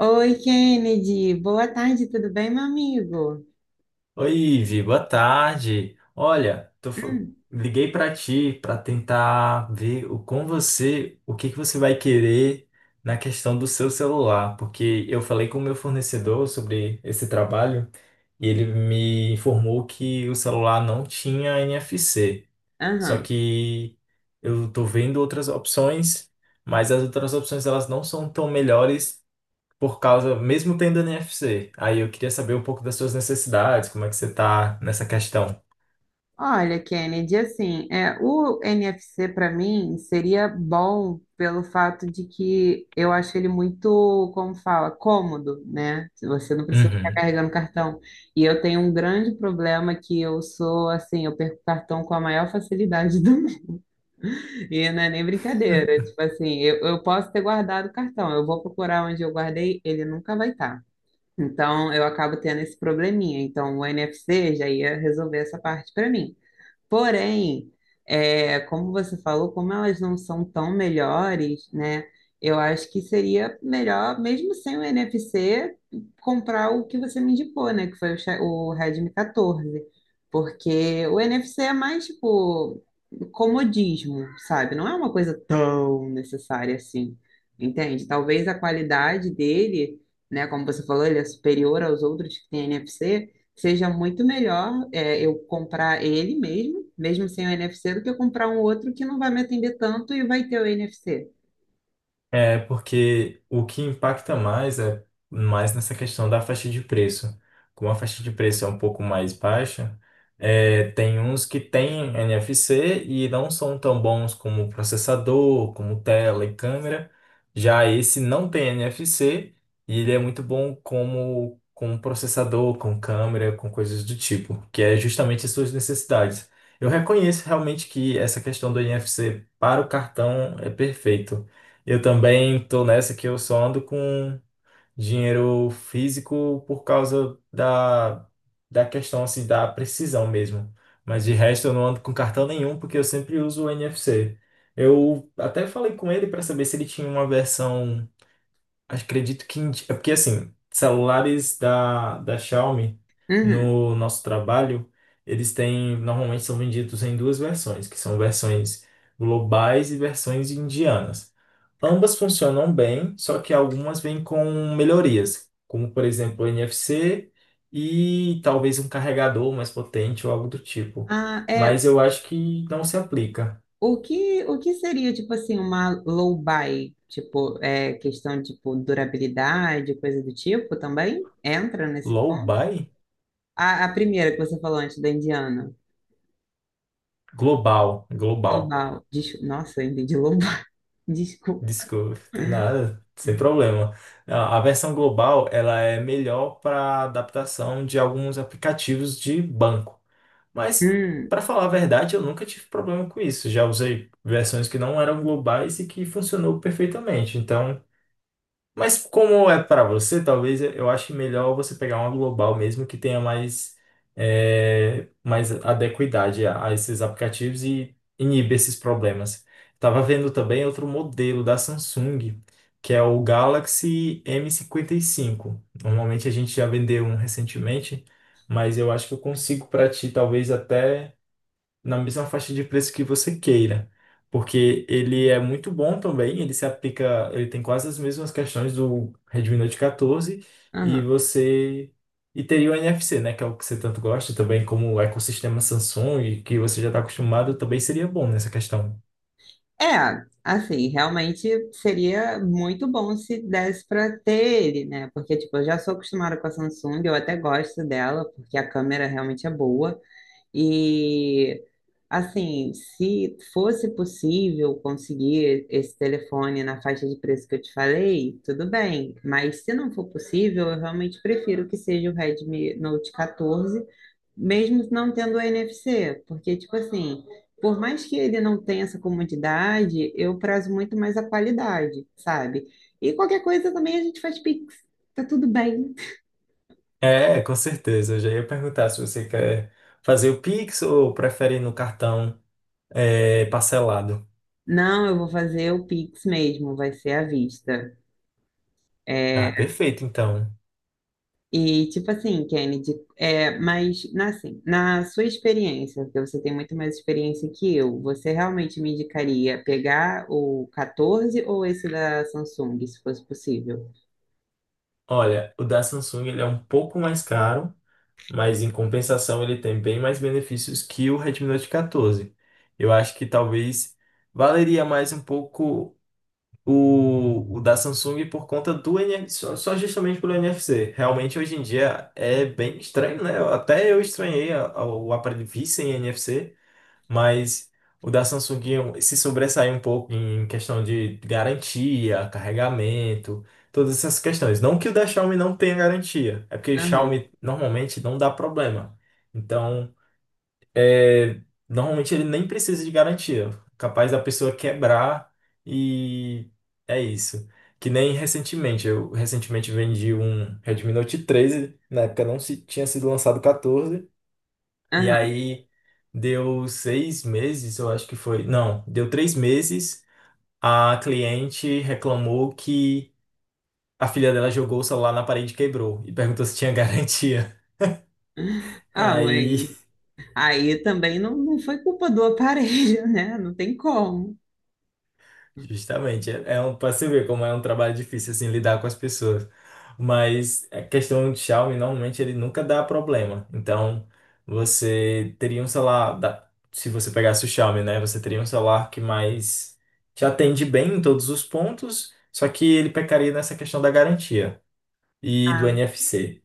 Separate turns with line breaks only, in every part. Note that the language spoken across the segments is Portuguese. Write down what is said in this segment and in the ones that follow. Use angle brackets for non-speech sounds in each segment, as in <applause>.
Oi, Kennedy. Boa tarde, tudo bem, meu amigo?
Oi, Ivi, boa tarde. Olha,
Hum.
liguei para ti para tentar ver com você o que que você vai querer na questão do seu celular, porque eu falei com o meu fornecedor sobre esse trabalho e ele me informou que o celular não tinha NFC. Só
Aham.
que eu tô vendo outras opções, mas as outras opções elas não são tão melhores por causa, mesmo tendo NFC. Aí eu queria saber um pouco das suas necessidades, como é que você tá nessa questão.
Olha, Kennedy, assim, é, o NFC para mim seria bom pelo fato de que eu acho ele muito, como fala, cômodo, né? Você não precisa ficar
Uhum.
carregando cartão. E eu tenho um grande problema que eu sou, assim, eu perco cartão com a maior facilidade do mundo. <laughs> E não é nem brincadeira. Tipo assim, eu posso ter guardado o cartão, eu vou procurar onde eu guardei, ele nunca vai estar. Então, eu acabo tendo esse probleminha. Então, o NFC já ia resolver essa parte para mim. Porém, é, como você falou, como elas não são tão melhores, né? Eu acho que seria melhor, mesmo sem o NFC, comprar o que você me indicou, né? Que foi o, o Redmi 14. Porque o NFC é mais, tipo, comodismo, sabe? Não é uma coisa tão necessária assim, entende? Talvez a qualidade dele, né? Como você falou, ele é superior aos outros que têm NFC, seja muito melhor é, eu comprar ele mesmo, mesmo sem o NFC, do que eu comprar um outro que não vai me atender tanto e vai ter o NFC.
É, porque o que impacta mais é mais nessa questão da faixa de preço. Como a faixa de preço é um pouco mais baixa, é, tem uns que têm NFC e não são tão bons como processador, como tela e câmera. Já esse não tem NFC e ele é muito bom como, como processador, com câmera, com coisas do tipo, que é justamente as suas necessidades. Eu reconheço realmente que essa questão do NFC para o cartão é perfeito. Eu também tô nessa que eu só ando com dinheiro físico por causa da, da questão assim, da precisão mesmo. Mas de resto eu não ando com cartão nenhum porque eu sempre uso o NFC. Eu até falei com ele para saber se ele tinha uma versão, acredito que é porque assim, celulares da Xiaomi
Uhum.
no nosso trabalho, eles têm normalmente são vendidos em duas versões, que são versões globais e versões indianas. Ambas funcionam bem, só que algumas vêm com melhorias, como por exemplo o NFC e talvez um carregador mais potente ou algo do tipo.
Ah, é,
Mas eu acho que não se aplica.
o que seria, tipo assim, uma low buy? Tipo, é, questão, tipo, durabilidade, coisa do tipo também? Entra nesse
Low
ponto?
buy?
A primeira que você falou antes da Indiana,
Global, global.
global. Nossa, eu entendi global. <laughs> Desculpa.
Desculpa, tem nada, sem problema. A versão global, ela é melhor para adaptação de alguns aplicativos de banco. Mas,
Hum.
para falar a verdade, eu nunca tive problema com isso. Já usei versões que não eram globais e que funcionou perfeitamente. Então, mas como é para você, talvez eu ache melhor você pegar uma global mesmo que tenha mais, é, mais adequidade a esses aplicativos e inibe esses problemas. Estava vendo também outro modelo da Samsung, que é o Galaxy M55. Normalmente a gente já vendeu um recentemente, mas eu acho que eu consigo para ti, talvez até na mesma faixa de preço que você queira, porque ele é muito bom também, ele se aplica, ele tem quase as mesmas questões do Redmi Note 14 e você e teria o NFC, né, que é o que você tanto gosta também, como o ecossistema Samsung, e que você já está acostumado, também seria bom nessa questão.
É, assim, realmente seria muito bom se desse para ter ele, né? Porque, tipo, eu já sou acostumada com a Samsung, eu até gosto dela, porque a câmera realmente é boa. E assim, se fosse possível conseguir esse telefone na faixa de preço que eu te falei, tudo bem. Mas se não for possível, eu realmente prefiro que seja o Redmi Note 14, mesmo não tendo o NFC, porque tipo assim, por mais que ele não tenha essa comodidade, eu prazo muito mais a qualidade, sabe? E qualquer coisa também a gente faz Pix, tá tudo bem.
É, com certeza. Eu já ia perguntar se você quer fazer o Pix ou prefere no cartão, é, parcelado.
Não, eu vou fazer o Pix mesmo, vai ser à vista. É.
Ah, perfeito, então.
E tipo assim, Kennedy, é, mas assim, na sua experiência, porque você tem muito mais experiência que eu, você realmente me indicaria pegar o 14 ou esse da Samsung, se fosse possível?
Olha, o da Samsung ele é um pouco mais caro, mas em compensação ele tem bem mais benefícios que o Redmi Note 14. Eu acho que talvez valeria mais um pouco o da Samsung por conta do NFC, só justamente pelo NFC. Realmente hoje em dia é bem estranho, né? Até eu estranhei o aparelho vir sem NFC, mas o da Samsung se sobressai um pouco em questão de garantia, carregamento, todas essas questões. Não que o da Xiaomi não tenha garantia, é porque o
Aham,
Xiaomi normalmente não dá problema. Então, é, normalmente ele nem precisa de garantia. Capaz da pessoa quebrar e é isso. Que nem recentemente, eu recentemente vendi um Redmi Note 13, na época não se, tinha sido lançado o 14. E
aham.
aí deu 6 meses, eu acho que foi. Não, deu 3 meses. A cliente reclamou que a filha dela jogou o celular na parede e quebrou. E perguntou se tinha <laughs> garantia.
Ah, mas
Aí,
aí também não, não foi culpa do aparelho, <laughs> né? Não tem como.
justamente, é um, para você ver como é um trabalho difícil assim lidar com as pessoas. Mas a questão de Xiaomi normalmente ele nunca dá problema. Então, você teria um celular se você pegasse o Xiaomi, né, você teria um celular que mais te atende bem em todos os pontos, só que ele pecaria nessa questão da garantia e do
Ah,
NFC.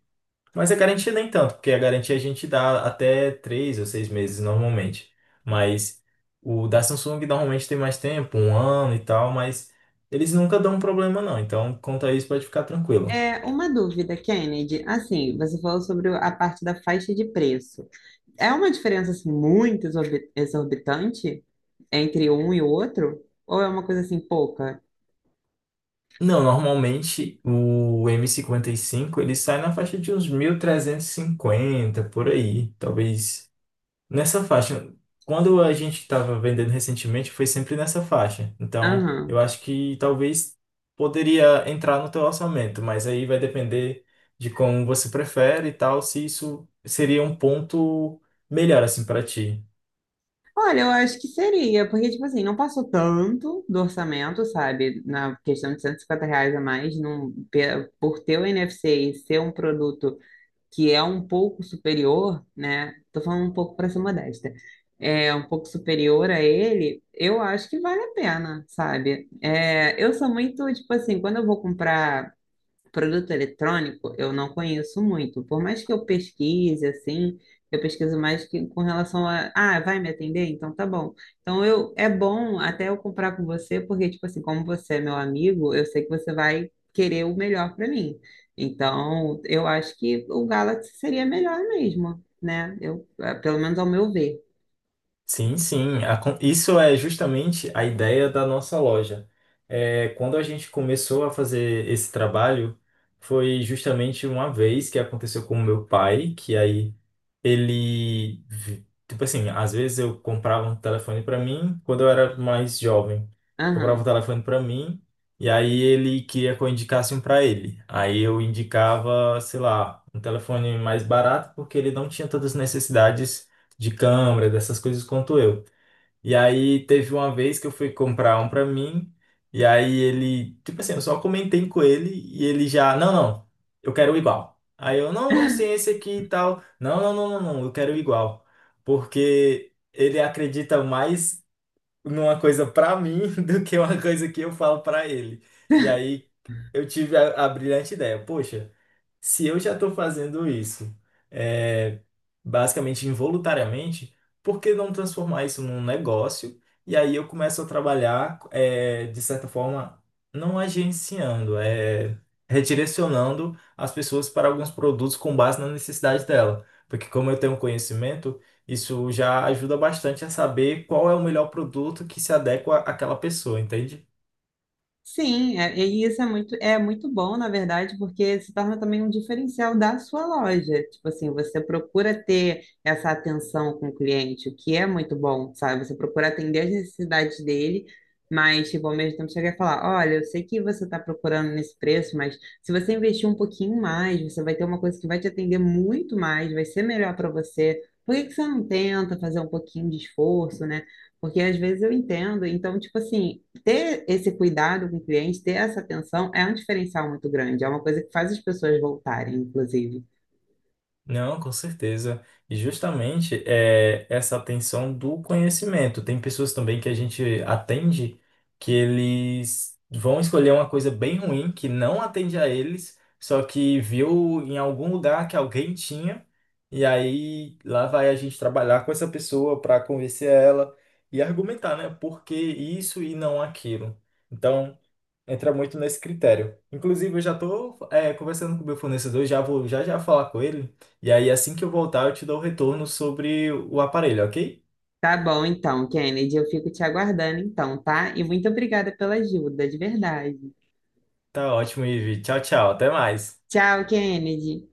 Mas a garantia nem tanto, porque a garantia a gente dá até 3 ou 6 meses normalmente. Mas o da Samsung normalmente tem mais tempo, um ano e tal, mas eles nunca dão problema não. Então, quanto a isso, pode ficar tranquilo.
é uma dúvida, Kennedy. Assim, você falou sobre a parte da faixa de preço. É uma diferença assim muito exorbitante entre um e o outro? Ou é uma coisa assim pouca?
Não, normalmente o M55 ele sai na faixa de uns 1.350 por aí, talvez. Nessa faixa, quando a gente estava vendendo recentemente, foi sempre nessa faixa. Então,
Aham.
eu acho que talvez poderia entrar no teu orçamento, mas aí vai depender de como você prefere e tal, se isso seria um ponto melhor assim para ti.
Olha, eu acho que seria, porque, tipo assim, não passou tanto do orçamento, sabe? Na questão de R$ 150 a mais, num, por ter o NFC e ser um produto que é um pouco superior, né? Tô falando um pouco para ser modesta. É um pouco superior a ele, eu acho que vale a pena, sabe? É, eu sou muito, tipo assim, quando eu vou comprar produto eletrônico eu não conheço muito. Por mais que eu pesquise, assim, eu pesquiso mais que com relação a, ah, vai me atender? Então tá bom. Então eu é bom até eu comprar com você, porque, tipo assim, como você é meu amigo, eu sei que você vai querer o melhor para mim. Então, eu acho que o Galaxy seria melhor mesmo, né? Eu, pelo menos ao meu ver.
Sim, sim. Isso é justamente a ideia da nossa loja. É, quando a gente começou a fazer esse trabalho, foi justamente uma vez que aconteceu com o meu pai, que aí ele, tipo assim, às vezes eu comprava um telefone pra mim quando eu era mais jovem. Comprava um
Aham.
telefone pra mim e aí ele queria que eu indicasse um pra ele. Aí eu indicava, sei lá, um telefone mais barato porque ele não tinha todas as necessidades de câmera, dessas coisas quanto eu. E aí teve uma vez que eu fui comprar um pra mim, e aí ele, tipo assim, eu só comentei com ele e ele já, não, não, eu quero igual. Aí eu, não, mas tem esse aqui e tal. Não, não, não, não, não, eu quero igual. Porque ele acredita mais numa coisa pra mim <laughs> do que uma coisa que eu falo pra ele. E aí eu tive a brilhante ideia, poxa, se eu já estou fazendo isso, é, basicamente involuntariamente, por que não transformar isso num negócio? E aí eu começo a trabalhar, é, de certa forma, não agenciando, é, redirecionando as pessoas para alguns produtos com base na necessidade dela. Porque como eu tenho conhecimento, isso já ajuda bastante a saber qual é o melhor produto que se adequa àquela pessoa, entende?
Sim, é- e isso é muito bom, na verdade, porque se torna também um diferencial da sua loja. Tipo assim, você procura ter essa atenção com o cliente, o que é muito bom, sabe? Você procura atender as necessidades dele, mas, tipo, ao mesmo tempo chegar e falar, olha, eu sei que você está procurando nesse preço, mas se você investir um pouquinho mais, você vai ter uma coisa que vai te atender muito mais, vai ser melhor para você. Por que que você não tenta fazer um pouquinho de esforço, né? Porque às vezes eu entendo, então, tipo assim, ter esse cuidado com o cliente, ter essa atenção é um diferencial muito grande, é uma coisa que faz as pessoas voltarem, inclusive.
Não, com certeza. E justamente é essa atenção do conhecimento. Tem pessoas também que a gente atende que eles vão escolher uma coisa bem ruim que não atende a eles, só que viu em algum lugar que alguém tinha, e aí lá vai a gente trabalhar com essa pessoa para convencer ela e argumentar, né? Por que isso e não aquilo. Então entra muito nesse critério. Inclusive, eu já tô, é, conversando com o meu fornecedor, já vou já já falar com ele. E aí, assim que eu voltar, eu te dou o retorno sobre o aparelho, ok?
Tá bom, então, Kennedy, eu fico te aguardando então, tá? E muito obrigada pela ajuda, de verdade.
Tá ótimo, Ivi. Tchau, tchau. Até mais.
Tchau, Kennedy.